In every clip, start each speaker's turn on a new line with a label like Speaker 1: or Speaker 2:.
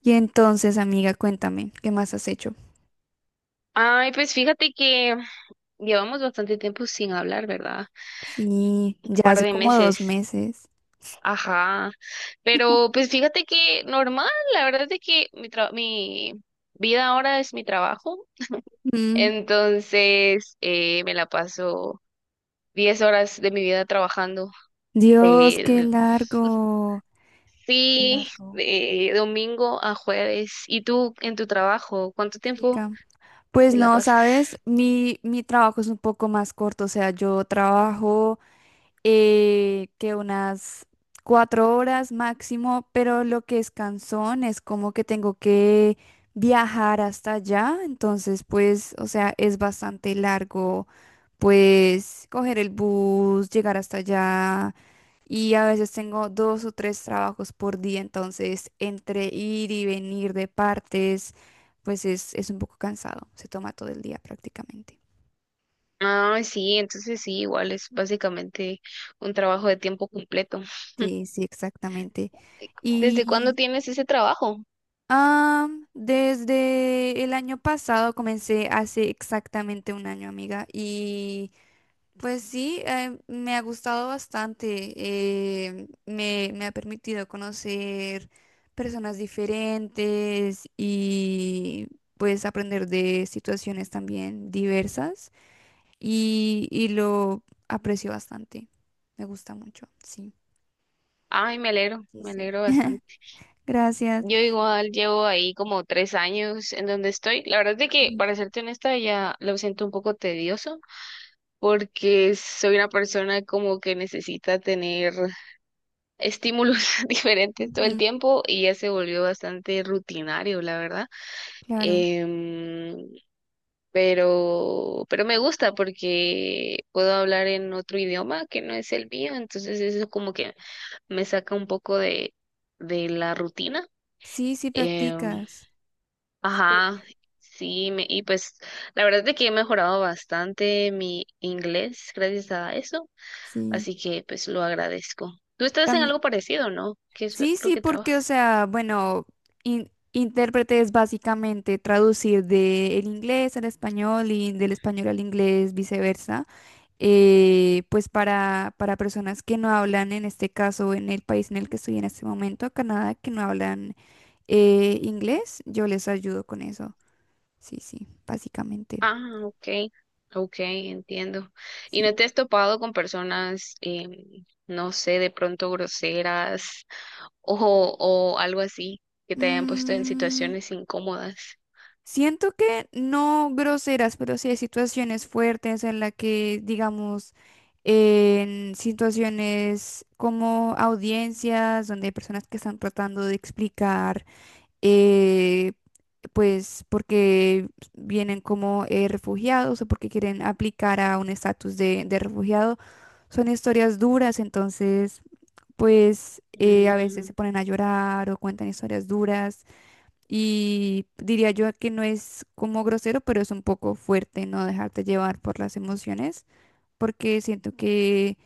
Speaker 1: Y entonces, amiga, cuéntame, ¿qué más has hecho?
Speaker 2: Ay, pues fíjate que llevamos bastante tiempo sin hablar, ¿verdad?
Speaker 1: Sí,
Speaker 2: Un
Speaker 1: ya
Speaker 2: par
Speaker 1: hace
Speaker 2: de
Speaker 1: como
Speaker 2: meses.
Speaker 1: dos meses.
Speaker 2: Ajá. Pero pues fíjate que normal, la verdad es de que mi vida ahora es mi trabajo.
Speaker 1: Mm,
Speaker 2: Entonces, me la paso 10 horas de mi vida trabajando.
Speaker 1: Dios,
Speaker 2: Eh,
Speaker 1: qué
Speaker 2: sí,
Speaker 1: largo,
Speaker 2: de domingo a jueves. ¿Y tú en tu trabajo, cuánto tiempo
Speaker 1: chica. Pues
Speaker 2: te la
Speaker 1: no,
Speaker 2: pasas?
Speaker 1: sabes, mi trabajo es un poco más corto, o sea, yo trabajo que unas cuatro horas máximo, pero lo que es cansón es como que tengo que viajar hasta allá, entonces pues, o sea, es bastante largo pues coger el bus, llegar hasta allá y a veces tengo dos o tres trabajos por día, entonces entre ir y venir de partes, pues es un poco cansado, se toma todo el día prácticamente.
Speaker 2: Ah, sí, entonces sí, igual es básicamente un trabajo de tiempo completo.
Speaker 1: Sí, sí, exactamente.
Speaker 2: ¿Desde cuándo
Speaker 1: Y
Speaker 2: tienes ese trabajo?
Speaker 1: ah, desde el año pasado comencé hace exactamente un año, amiga, y... Pues sí, me ha gustado bastante. Me ha permitido conocer personas diferentes y pues aprender de situaciones también diversas y lo aprecio bastante. Me gusta mucho, sí.
Speaker 2: Ay,
Speaker 1: Sí,
Speaker 2: me
Speaker 1: sí.
Speaker 2: alegro bastante.
Speaker 1: Gracias.
Speaker 2: Yo igual llevo ahí como 3 años en donde estoy. La verdad es de que,
Speaker 1: Ujú.
Speaker 2: para serte honesta, ya lo siento un poco tedioso porque soy una persona como que necesita tener estímulos diferentes todo el
Speaker 1: Ujú.
Speaker 2: tiempo y ya se volvió bastante rutinario, la verdad.
Speaker 1: Claro.
Speaker 2: Em, pero me gusta porque puedo hablar en otro idioma que no es el mío, entonces eso como que me saca un poco de la rutina.
Speaker 1: Sí, sí
Speaker 2: Em,
Speaker 1: practicas.
Speaker 2: ajá,
Speaker 1: Chévere.
Speaker 2: sí, y pues la verdad es que he mejorado bastante mi inglés gracias a eso,
Speaker 1: Sí.
Speaker 2: así que pues lo agradezco. ¿Tú estás en algo parecido, no? ¿Qué es lo
Speaker 1: Sí,
Speaker 2: lo
Speaker 1: sí,
Speaker 2: que
Speaker 1: porque, o
Speaker 2: trabajas?
Speaker 1: sea, bueno, intérprete es básicamente traducir del inglés al español y del español al inglés, viceversa. Pues para personas que no hablan, en este caso, en el país en el que estoy en este momento, Canadá, que no hablan inglés, yo les ayudo con eso. Sí, sí, básicamente,
Speaker 2: Ah, ok, ok, entiendo.
Speaker 1: sí.
Speaker 2: ¿Y no te has topado con personas, no sé, de pronto groseras o algo así, que te hayan puesto en
Speaker 1: Mm,
Speaker 2: situaciones incómodas?
Speaker 1: Siento que no groseras, pero sí hay situaciones fuertes en las que, digamos, en situaciones como audiencias, donde hay personas que están tratando de explicar, eh, pues, porque vienen como refugiados o porque quieren aplicar a un estatus de refugiado, son historias duras, entonces, pues, a veces
Speaker 2: Mm,
Speaker 1: se ponen a llorar o cuentan historias duras. Y diría yo que no es como grosero, pero es un poco fuerte no dejarte llevar por las emociones, porque siento que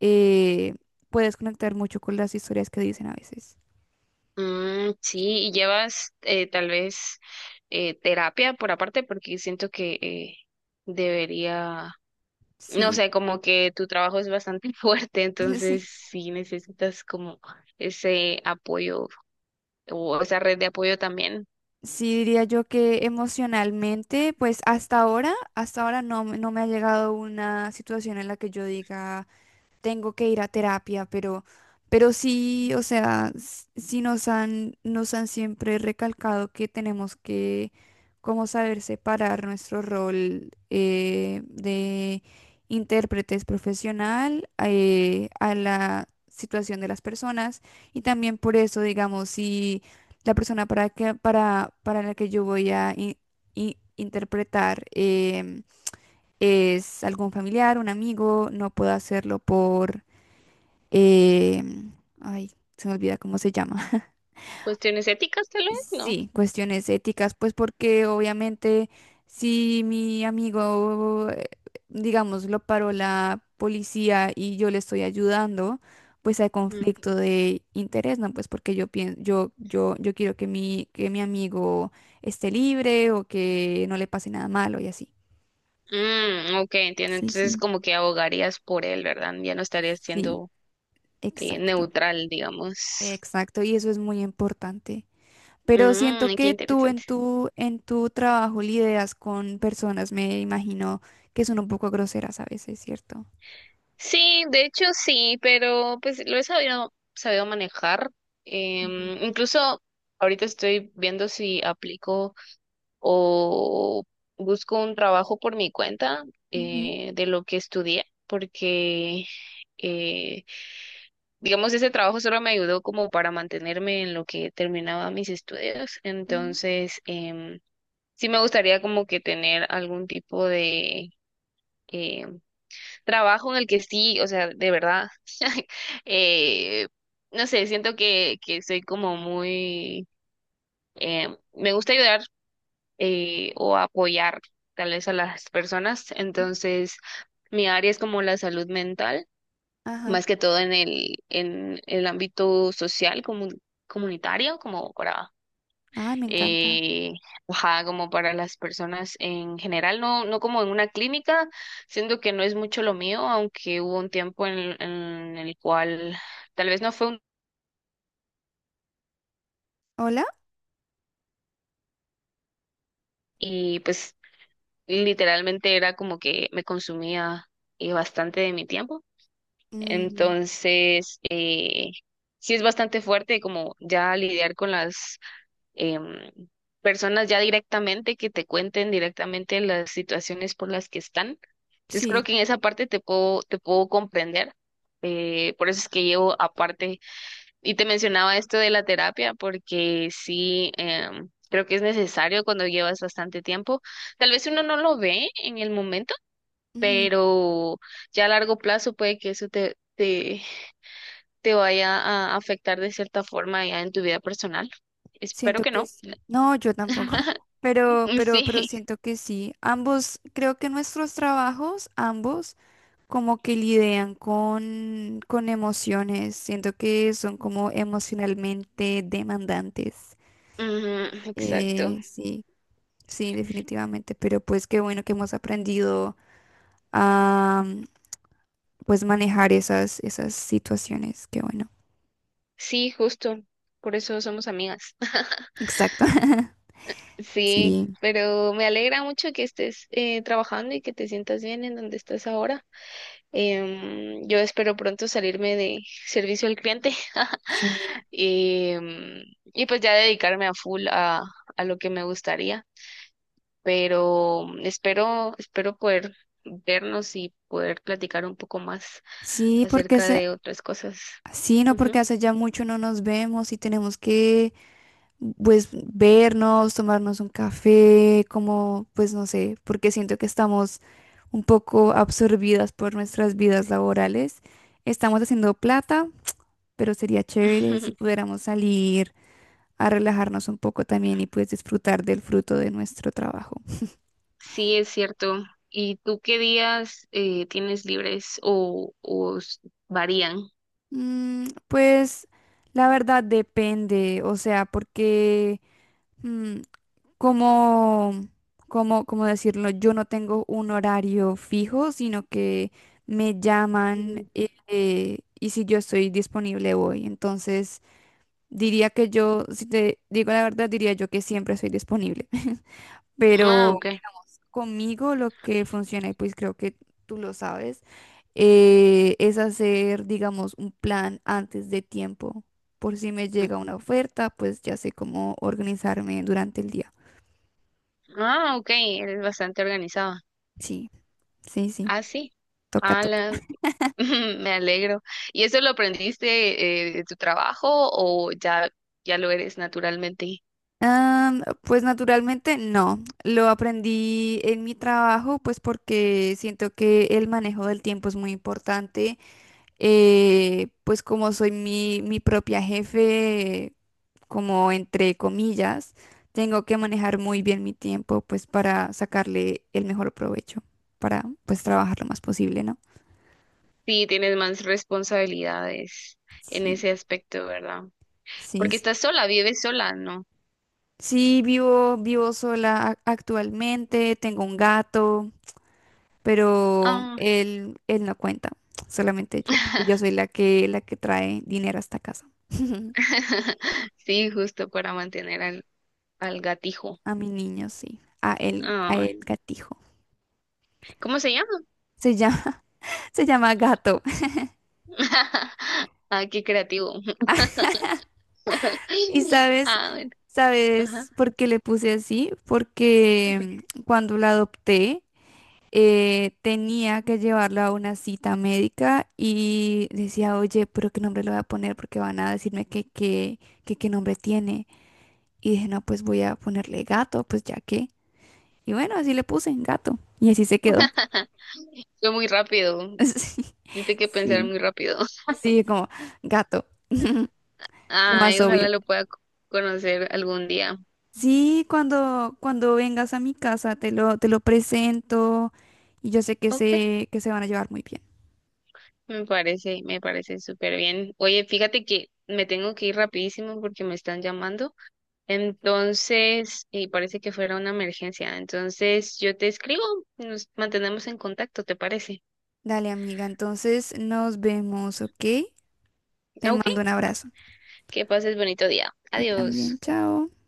Speaker 1: eh, puedes conectar mucho con las historias que dicen a veces.
Speaker 2: mm, sí, y llevas tal vez terapia por aparte, porque siento que debería, no
Speaker 1: Sí,
Speaker 2: sé, como que tu trabajo es bastante fuerte,
Speaker 1: sí.
Speaker 2: entonces sí necesitas como ese apoyo o esa red de apoyo también.
Speaker 1: Sí, diría yo que emocionalmente, pues hasta ahora no, no me ha llegado una situación en la que yo diga tengo que ir a terapia, pero sí, o sea, sí nos han siempre recalcado que tenemos que como saber separar nuestro rol de intérpretes profesional a la situación de las personas y también por eso, digamos, si la persona para la que yo voy a interpretar em, es algún familiar, un amigo, no puedo hacerlo por eh, ay, se me olvida cómo se llama.
Speaker 2: ¿Cuestiones éticas tal vez? No.
Speaker 1: Sí, cuestiones éticas, pues porque obviamente si mi amigo, digamos, lo paró la policía y yo le estoy ayudando, pues hay
Speaker 2: Mm.
Speaker 1: conflicto de interés, ¿no? Pues porque yo pienso, yo quiero que que mi amigo esté libre o que no le pase nada malo y así.
Speaker 2: Mm, ok, entiendo.
Speaker 1: Sí,
Speaker 2: Entonces
Speaker 1: sí.
Speaker 2: como que abogarías por él, ¿verdad? Ya no estarías
Speaker 1: Sí,
Speaker 2: siendo
Speaker 1: exacto,
Speaker 2: neutral, digamos.
Speaker 1: exacto. Y eso es muy importante. Pero siento
Speaker 2: Mm, qué
Speaker 1: que tú en
Speaker 2: interesante.
Speaker 1: en tu trabajo lidias con personas, me imagino que son un poco groseras a veces, ¿cierto?
Speaker 2: Sí, de hecho sí, pero pues lo he sabido manejar.
Speaker 1: Ujú.
Speaker 2: Incluso ahorita estoy viendo si aplico o busco un trabajo por mi cuenta,
Speaker 1: Ujú.
Speaker 2: de lo que estudié, porque eh, digamos, ese trabajo solo me ayudó como para mantenerme en lo que terminaba mis estudios.
Speaker 1: Mm.
Speaker 2: Entonces, sí me gustaría como que tener algún tipo de em, trabajo en el que sí, o sea, de verdad, eh, no sé, siento que soy como muy, me gusta ayudar, o apoyar tal vez a las personas.
Speaker 1: Mm.
Speaker 2: Entonces, mi área es como la salud mental,
Speaker 1: Ajá.
Speaker 2: más que todo en en el ámbito social, comunitario, como para,
Speaker 1: Ay, me encanta.
Speaker 2: eh, ajá, como para las personas en general, no, no como en una clínica, siendo que no es mucho lo mío, aunque hubo un tiempo en el cual tal vez no fue un,
Speaker 1: ¿Hola?
Speaker 2: y pues literalmente era como que me consumía, bastante de mi tiempo.
Speaker 1: Mm,
Speaker 2: Entonces, sí es bastante fuerte como ya lidiar con las em, personas ya directamente que te cuenten directamente las situaciones por las que están. Entonces creo
Speaker 1: sí.
Speaker 2: que en esa parte te puedo comprender. Por eso es que llevo aparte, y te mencionaba esto de la terapia, porque sí, creo que es necesario cuando llevas bastante tiempo. Tal vez uno no lo ve en el momento,
Speaker 1: Ujú.
Speaker 2: pero ya a largo plazo puede que eso te vaya a afectar de cierta forma ya en tu vida personal. Espero
Speaker 1: Siento
Speaker 2: que
Speaker 1: que
Speaker 2: no.
Speaker 1: sí. No, yo tampoco. Pero
Speaker 2: Sí,
Speaker 1: siento que sí. Ambos, creo que nuestros trabajos, ambos, como que lidian con emociones. Siento que son como emocionalmente demandantes.
Speaker 2: ujú, exacto.
Speaker 1: Sí, sí, definitivamente. Pero pues qué bueno que hemos aprendido a pues manejar esas, esas situaciones. Qué bueno.
Speaker 2: Sí, justo. Por eso somos amigas.
Speaker 1: Exacto.
Speaker 2: Sí,
Speaker 1: Sí,
Speaker 2: pero me alegra mucho que estés trabajando y que te sientas bien en donde estás ahora. Yo espero pronto salirme de servicio al cliente.
Speaker 1: sí.
Speaker 2: Em, y pues ya dedicarme a full a lo que me gustaría. Pero espero, espero poder vernos y poder platicar un poco más
Speaker 1: Sí, porque
Speaker 2: acerca
Speaker 1: hace,
Speaker 2: de otras cosas.
Speaker 1: sí, no, porque
Speaker 2: Ujú.
Speaker 1: hace ya mucho no nos vemos y tenemos que pues vernos, tomarnos un café, como pues no sé, porque siento que estamos un poco absorbidas por nuestras vidas laborales. Estamos haciendo plata pero sería chévere si pudiéramos salir a relajarnos un poco también y pues disfrutar del fruto de nuestro trabajo.
Speaker 2: Sí, es cierto. ¿Y tú qué días tienes libres o varían?
Speaker 1: Pues la verdad depende, o sea, porque mm, como, como decirlo, yo no tengo un horario fijo, sino que me
Speaker 2: Ujú.
Speaker 1: llaman y si yo estoy disponible voy. Entonces diría que yo, si te digo la verdad, diría yo que siempre soy disponible.
Speaker 2: Ah,
Speaker 1: Pero
Speaker 2: ok.
Speaker 1: conmigo lo que funciona, y pues creo que tú lo sabes, es hacer, digamos, un plan antes de tiempo. Por si me llega una
Speaker 2: Ujú.
Speaker 1: oferta, pues ya sé cómo organizarme durante el día.
Speaker 2: Ah, ok, eres bastante organizada.
Speaker 1: Sí, sí, sí,
Speaker 2: Ah, sí.
Speaker 1: toca, toca.
Speaker 2: Ala, me alegro. ¿Y eso lo aprendiste, de tu trabajo o ya lo eres naturalmente?
Speaker 1: Pues naturalmente no, lo aprendí en mi trabajo, pues porque siento que el manejo del tiempo es muy importante. Pues como soy mi propia jefe como entre comillas, tengo que manejar muy bien mi tiempo, pues para sacarle el mejor provecho, para pues trabajar lo más posible, ¿no?
Speaker 2: Sí, tienes más responsabilidades en
Speaker 1: Sí,
Speaker 2: ese aspecto, ¿verdad?
Speaker 1: sí,
Speaker 2: Porque estás sola, vives sola, ¿no?
Speaker 1: sí, vivo sola actualmente, tengo un gato, pero
Speaker 2: Ah.
Speaker 1: él no cuenta, solamente yo, porque yo soy la que trae dinero a esta casa.
Speaker 2: Sí, justo para mantener al gatijo.
Speaker 1: A mi niño, sí, a
Speaker 2: Ah,
Speaker 1: él gatijo.
Speaker 2: ¿cómo se llama?
Speaker 1: Se llama, se llama gato.
Speaker 2: Ah, qué creativo.
Speaker 1: Y sabes,
Speaker 2: Ah, bueno, ajá.
Speaker 1: sabes por qué le puse así, porque cuando la adopté tenía que llevarla a una cita médica y decía, oye, pero qué nombre le voy a poner porque van a decirme que qué nombre tiene. Y dije, no, pues voy a ponerle gato, pues ya que. Y bueno, así le puse gato y así se quedó.
Speaker 2: Fue muy rápido.
Speaker 1: Sí,
Speaker 2: Tiene que pensar
Speaker 1: sí,
Speaker 2: muy rápido.
Speaker 1: sí, como gato, lo más
Speaker 2: Ay,
Speaker 1: obvio.
Speaker 2: ojalá lo pueda conocer algún día.
Speaker 1: Sí, cuando, cuando vengas a mi casa te lo presento y yo sé
Speaker 2: Ok,
Speaker 1: que se van a llevar muy bien.
Speaker 2: me parece súper bien. Oye, fíjate que me tengo que ir rapidísimo porque me están llamando. Entonces, y parece que fuera una emergencia. Entonces, yo te escribo, nos mantenemos en contacto, ¿te parece?
Speaker 1: Dale, amiga, entonces nos vemos, ¿ok? Te
Speaker 2: Ok.
Speaker 1: mando un abrazo.
Speaker 2: Que pases bonito día.
Speaker 1: Tú
Speaker 2: Adiós.
Speaker 1: también, chao.